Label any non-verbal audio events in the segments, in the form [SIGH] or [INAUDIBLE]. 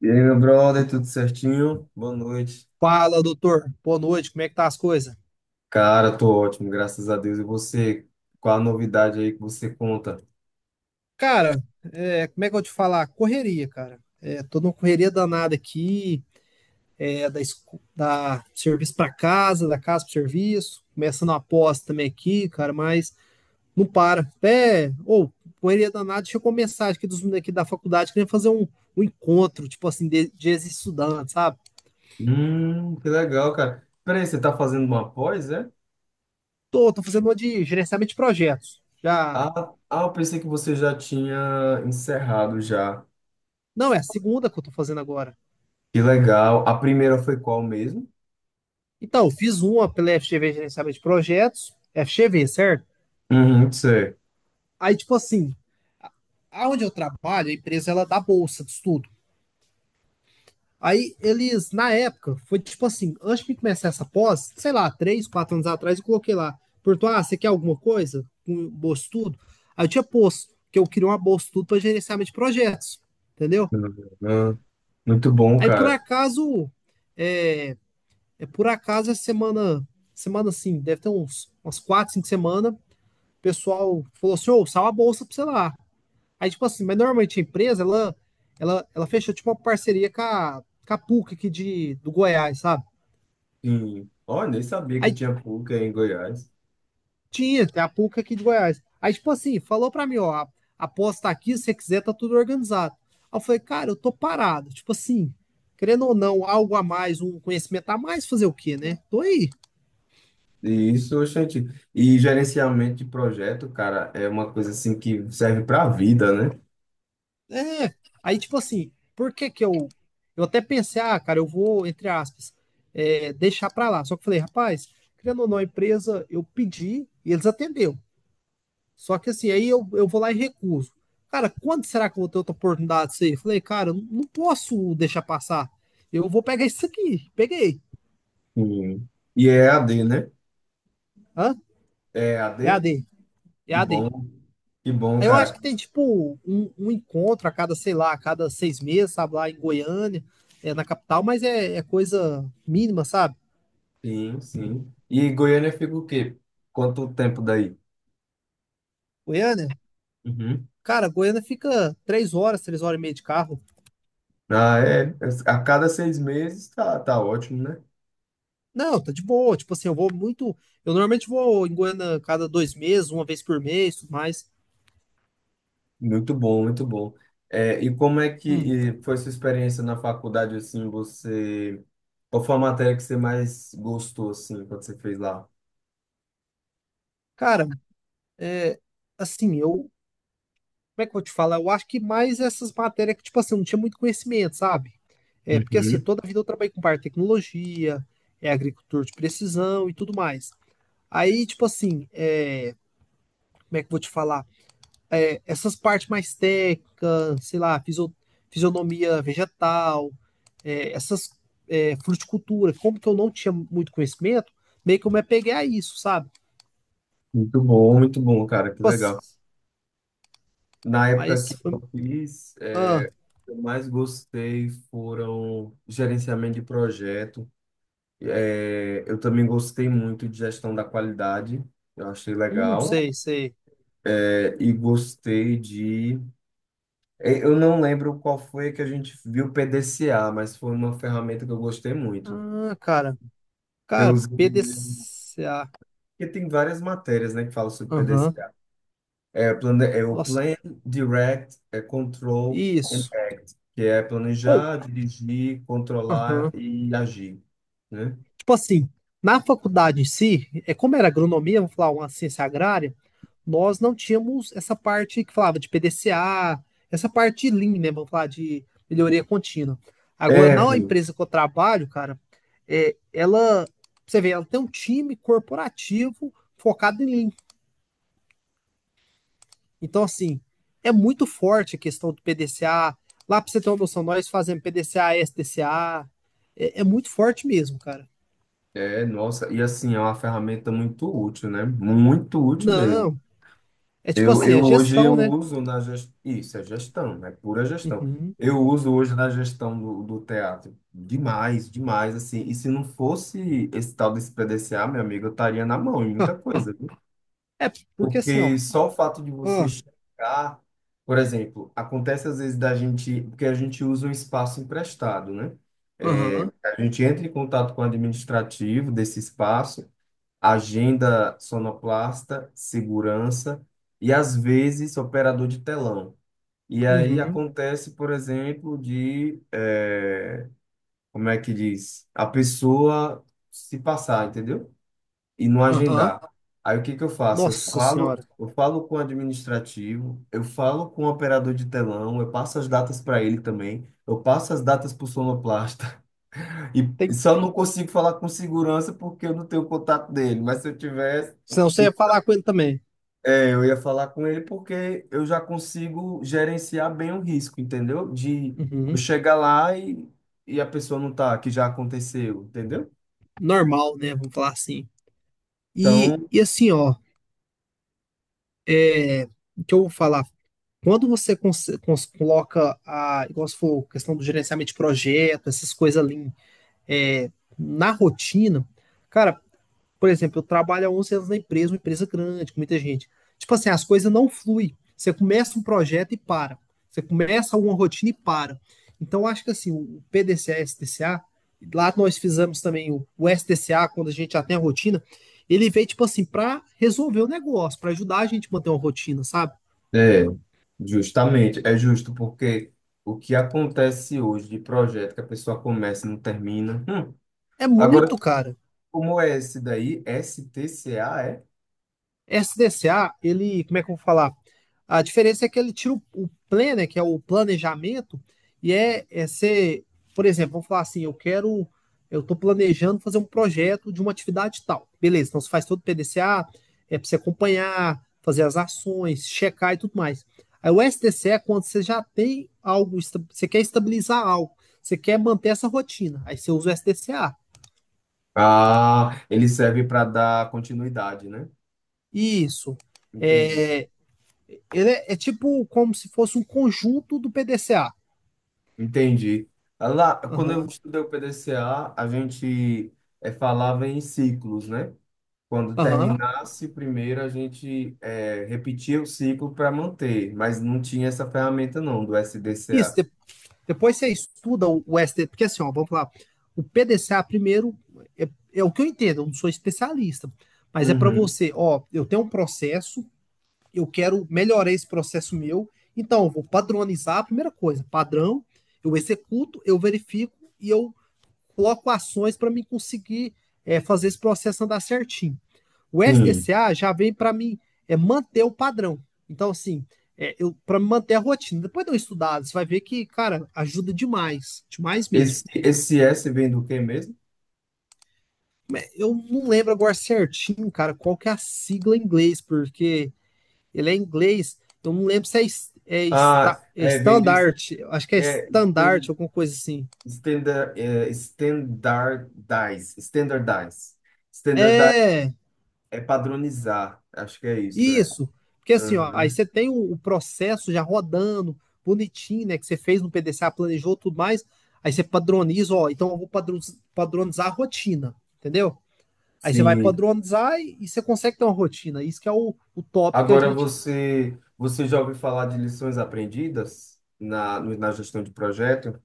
E aí, meu brother, tudo certinho? Boa noite. Fala, doutor. Boa noite. Como é que tá as coisas? Cara, tô ótimo, graças a Deus. E você? Qual a novidade aí que você conta? Cara, como é que eu vou te falar? Correria, cara. Tô numa correria danada aqui, da serviço pra casa, da casa pro serviço, começando a pós também aqui, cara, mas não para. Correria danada, deixa eu começar aqui dos meninos aqui da faculdade, querendo fazer um encontro, tipo assim, de ex-estudantes, sabe? Que legal, cara. Peraí, você tá fazendo uma pós, é? Tô fazendo uma de gerenciamento de projetos. Já, Ah, eu pensei que você já tinha encerrado já. não, é a segunda que eu tô fazendo agora. Que legal. A primeira foi qual mesmo? Então, fiz uma pela FGV Gerenciamento de Projetos, FGV, certo? Uhum, sei. Aí, tipo assim, a- aonde eu trabalho, a empresa ela dá bolsa de estudo. Aí eles, na época, foi tipo assim, antes de começar essa pós, sei lá, 3, 4 anos atrás, eu coloquei lá, perguntou, ah, você quer alguma coisa com bolsa de estudo? Aí eu tinha posto, que eu queria uma bolsa de estudo para gerenciamento de projetos, entendeu? Uhum. Muito bom, Aí por cara. acaso, é, por acaso, essa semana, semana assim, deve ter umas 4, 5 semanas, o pessoal falou assim, ô, sal a bolsa pra você lá. Aí, tipo assim, mas normalmente a empresa, ela fechou, tipo, uma parceria com a PUC aqui do Goiás, sabe? Sim. Olha, nem sabia que Aí tinha PUC aí em Goiás. tinha, tem a PUC aqui de Goiás. Aí, tipo assim, falou pra mim, ó, a aposta tá aqui, se você quiser, tá tudo organizado. Aí eu falei, cara, eu tô parado. Tipo assim, querendo ou não, algo a mais, um conhecimento a mais, fazer o quê, né? Tô aí. E isso, gente. E gerenciamento de projeto, cara, é uma coisa assim que serve para a vida, né? É, Aí tipo assim, por que que eu até pensei, ah, cara, eu vou, entre aspas, deixar pra lá. Só que eu falei, rapaz, criando ou não a empresa, eu pedi e eles atendeu. Só que assim, aí eu vou lá e recuso. Cara, quando será que eu vou ter outra oportunidade disso aí? Eu falei, cara, eu não posso deixar passar. Eu vou pegar isso aqui. Peguei. Sim. E é EAD, né? Hã? É EAD? EAD. Que EAD. bom, que bom, Aí eu acho cara. que tem, tipo, um encontro a cada, sei lá, a cada 6 meses, sabe, lá em Goiânia, na capital, mas é coisa mínima, sabe? Sim, sim. E Goiânia fica o quê? Quanto tempo daí? Goiânia? Uhum. Cara, Goiânia fica 3 horas, 3 horas e meia de carro. Ah, é. É, A cada seis meses tá, tá ótimo, né? Não, tá de boa. Tipo assim, eu vou muito. Eu normalmente vou em Goiânia cada 2 meses, uma vez por mês, tudo mais. Muito bom, muito bom. É, e como é que Hum. Foi sua experiência na faculdade, assim, você... Qual foi a matéria que você mais gostou, assim, quando você fez lá? Cara, assim, eu. Como é que eu vou te falar? Eu acho que mais essas matérias que, tipo assim, eu não tinha muito conhecimento, sabe? Porque assim, Uhum. toda a vida eu trabalhei com parte de tecnologia, agricultor de precisão e tudo mais. Aí, tipo assim, como é que eu vou te falar? Essas partes mais técnicas, sei lá, fisionomia vegetal, é, essas fruticultura, como que eu não tinha muito conhecimento, meio que eu me apeguei a isso, sabe? Muito bom, cara, que Tipo assim, legal. Na época que mas eu foi. fiz, Ah, é, o que eu mais gostei foram gerenciamento de projeto. É, eu também gostei muito de gestão da qualidade, eu achei legal. sei, sei. É, e gostei de... é, eu não lembro qual foi que a gente viu PDCA, mas foi uma ferramenta que eu gostei muito. Ah, cara. Eu Cara, usei... PDCA. Porque tem várias matérias, né, que falam sobre Aham. PDCA. É, plan... é o Nossa, Plan, Direct, é Control, isso. que é Ou, planejar, dirigir, controlar aham. e agir, né? Tipo assim, na faculdade em si, é como era agronomia, vamos falar uma ciência agrária. Nós não tínhamos essa parte que falava de PDCA, essa parte de Lean, né? Vamos falar de melhoria contínua. Agora, É, na pô. empresa que eu trabalho, cara, é, ela, você vê, ela tem um time corporativo focado em Lean. Então, assim, é muito forte a questão do PDCA. Lá, para você ter uma noção, nós fazemos PDCA, SDCA. É muito forte mesmo, cara. É, nossa, e assim, é uma ferramenta muito útil, né? Muito útil mesmo. Não, é tipo Eu, assim, a eu hoje eu gestão, né? uso na gestão, isso é gestão, é pura gestão. Uhum. Eu uso hoje na gestão do teatro demais, demais, assim. E se não fosse esse tal desse PDCA, meu amigo, eu estaria na mão em muita [LAUGHS] coisa, viu? É porque assim, ó. Porque só o fato de você Ah, chegar, por exemplo, acontece às vezes da gente, porque a gente usa um espaço emprestado, né? É, aham, a gente entra em contato com o administrativo desse espaço, agenda sonoplasta, segurança e às vezes operador de telão. E aí uhum, acontece, por exemplo, de, como é que diz? A pessoa se passar, entendeu? E não aham. agendar. Aí o que que eu faço? Eu Nossa falo, senhora. eu falo com o administrativo, eu falo com o operador de telão, eu passo as datas para ele também, eu passo as datas para o sonoplasta. [LAUGHS] E e Tem... só não consigo falar com segurança porque eu não tenho contato dele, mas se eu tivesse, Senão você e- ia falar com ele também. é, eu ia falar com ele porque eu já consigo gerenciar bem o risco, entendeu? De eu Uhum. chegar lá e a pessoa não tá, que já aconteceu, entendeu? Normal, né? Vamos falar assim. E, Então, e assim, ó, é, o que eu vou falar? Quando você coloca a, igual você falou, questão do gerenciamento de projeto, essas coisas ali, é, na rotina, cara, por exemplo, eu trabalho há 11 anos na empresa, uma empresa grande, com muita gente. Tipo assim, as coisas não fluem. Você começa um projeto e para. Você começa uma rotina e para. Então, acho que assim, o PDCA e STCA, lá nós fizemos também o STCA, quando a gente já tem a rotina, ele veio, tipo assim, para resolver o negócio, para ajudar a gente a manter uma rotina, sabe? é, justamente, é justo, porque o que acontece hoje de projeto que a pessoa começa e não termina. Hum. É Agora, muito, cara. como é esse daí? S T C A é? SDCA, ele, como é que eu vou falar? A diferença é que ele tira o plan, né, que é o planejamento, e é ser, por exemplo, vamos falar assim, eu quero, eu estou planejando fazer um projeto de uma atividade tal. Beleza, então você faz todo o PDCA, é para você acompanhar, fazer as ações, checar e tudo mais. Aí o SDC é quando você já tem algo, você quer estabilizar algo, você quer manter essa rotina, aí você usa o SDCA. Ah, ele serve para dar continuidade, né? Isso. Entendi, é Ele é tipo como se fosse um conjunto do PDCA. entendi. Ah, lá, quando eu Aham, estudei o P D C A, a gente falava em ciclos, né? Quando aham. terminasse o primeiro, a gente repetia o ciclo para manter, mas não tinha essa ferramenta não, do S D Isso, SDCA. Depois você estuda o ST, porque assim, ó, vamos lá. O PDCA primeiro é, é o que eu entendo, eu não sou especialista, mas é para Uhum. você, ó, eu tenho um processo, eu quero melhorar esse processo meu, então eu vou padronizar a primeira coisa, padrão, eu executo, eu verifico e eu coloco ações para mim conseguir fazer esse processo andar certinho. O Sim. SDCA já vem para mim é manter o padrão. Então, assim, eu para manter a rotina. Depois de eu estudado, você vai ver que, cara, ajuda demais, demais mesmo. Esse S vem do quê mesmo? Eu não lembro agora certinho, cara, qual que é a sigla em inglês, porque ele é em inglês, eu não lembro se é, é, esta, Ah, é é, vem de standard, acho que é é, standard, stan- alguma coisa assim. standard, é, standardize. Standardize É, é padronizar, acho que é isso, é. isso, porque assim, ó, aí Aham. você tem o processo já rodando, bonitinho, né? Que você fez no PDCA, planejou tudo mais. Aí você padroniza, ó, então eu vou padronizar a rotina, entendeu? Aí você vai Sim. padronizar e você consegue ter uma rotina. Isso que é o top que a Agora gente. você, você já ouviu falar de lições aprendidas na gestão de projeto?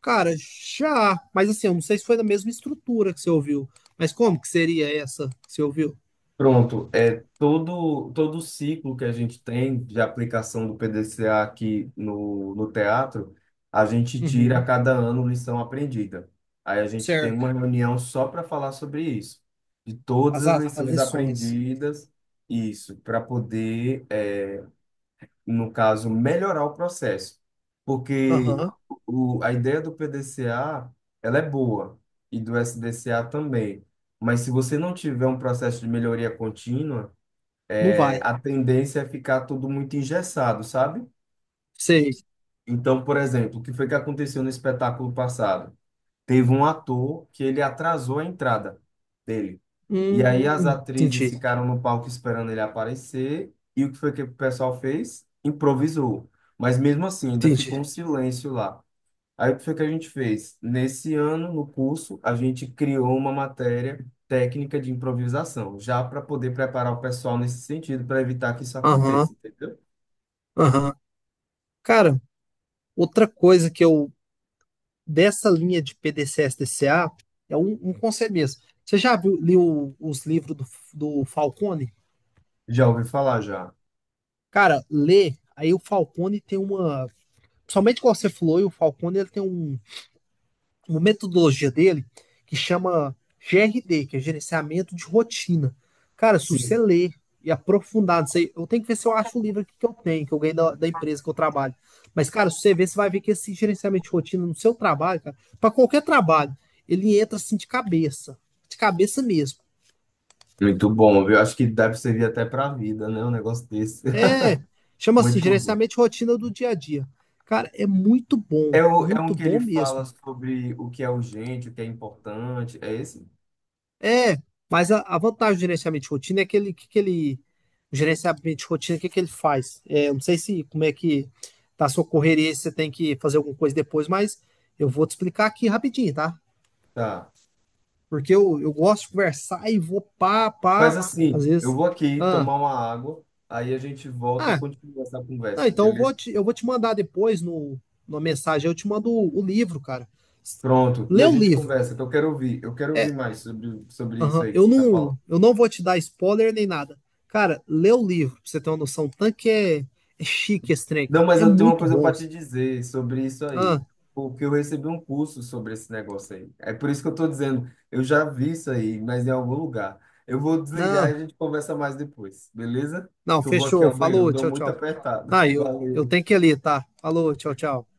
Cara, já. Mas assim, eu não sei se foi da mesma estrutura que você ouviu. Mas como que seria essa que você ouviu? Pronto, é todo todo o ciclo que a gente tem de aplicação do PDCA aqui no teatro, a gente tira a Uhum. cada ano lição aprendida. Aí a gente tem Certo. uma reunião só para falar sobre isso, de todas As, as a- as lições lições. aprendidas, isso, para poder no caso, melhorar o processo. Porque Aham. A ideia do P D C A ela é boa, e do S D C A também. Mas se você não tiver um processo de melhoria contínua, Não é, vai. a tendência é ficar tudo muito engessado, sabe? Sei. Então, por exemplo, o que foi que aconteceu no espetáculo passado? Teve um ator que ele atrasou a entrada dele. E aí as atrizes Entendi. ficaram no palco esperando ele aparecer. E o que foi que o pessoal fez? Improvisou. Mas mesmo assim, ainda ficou Entendi. um silêncio lá. Aí o que foi que a gente fez? Nesse ano, no curso, a gente criou uma matéria técnica de improvisação, já para poder preparar o pessoal nesse sentido, para evitar que isso Aham. aconteça, entendeu? Aham. Cara, outra coisa que eu, dessa linha de PDCS DCA, é um conselho mesmo. Você já viu, leu os livros do Falcone? Já ouvi falar já. Cara, lê, aí o Falcone tem uma. Somente como você falou, e o Falcone ele tem uma metodologia dele que chama GRD, que é gerenciamento de rotina. Cara, se você Sim. ler e aprofundar nisso aí, eu tenho que ver se eu acho o livro aqui que eu tenho, que eu ganhei da empresa que eu trabalho. Mas, cara, se você ver, você vai ver que esse gerenciamento de rotina no seu trabalho, cara, para qualquer trabalho, ele entra assim de cabeça mesmo. Muito bom, viu? Acho que deve servir até para a vida, né? Um negócio desse. [LAUGHS] É, chama assim, Muito bom. gerenciamento de rotina do dia a dia. Cara, é É, o, é um muito que ele bom fala mesmo. sobre o que é urgente, o que é importante. É esse? É, mas a vantagem do gerenciamento de rotina é que ele, o gerenciamento de rotina, o que, que ele faz? É, eu não sei se como é que tá a sua correria, se você tem que fazer alguma coisa depois, mas eu vou te explicar aqui rapidinho, tá? Tá. Porque eu gosto de conversar e vou pá, Mas pá, às assim, eu vezes. vou aqui Ah, tomar uma água, aí a gente volta e ah, continua essa não, conversa, então eu beleza? vou te, eu vou te mandar depois no, numa mensagem, eu te mando o livro, cara. Pronto. E Lê a o gente livro. conversa, que eu quero ouvir. Eu quero ouvir mais sobre isso Aham. aí que Eu você está falando. não, eu não vou te dar spoiler nem nada. Cara, lê o livro, pra você ter uma noção. O tanque é chique esse trem, Não, cara. mas É eu tenho uma muito coisa bom. para te Assim. dizer sobre isso aí, Ah, porque eu recebi um curso sobre esse negócio aí. É por isso que eu estou dizendo, eu já vi isso aí, mas em algum lugar. Eu vou desligar e a não, gente conversa mais depois, beleza? não, Que eu vou aqui fechou. ao banheiro, eu Falou, dou tchau, muito tchau. apertado. Ah, [LAUGHS] eu tenho Valeu. que ir ali, tá? Falou, tchau, tchau.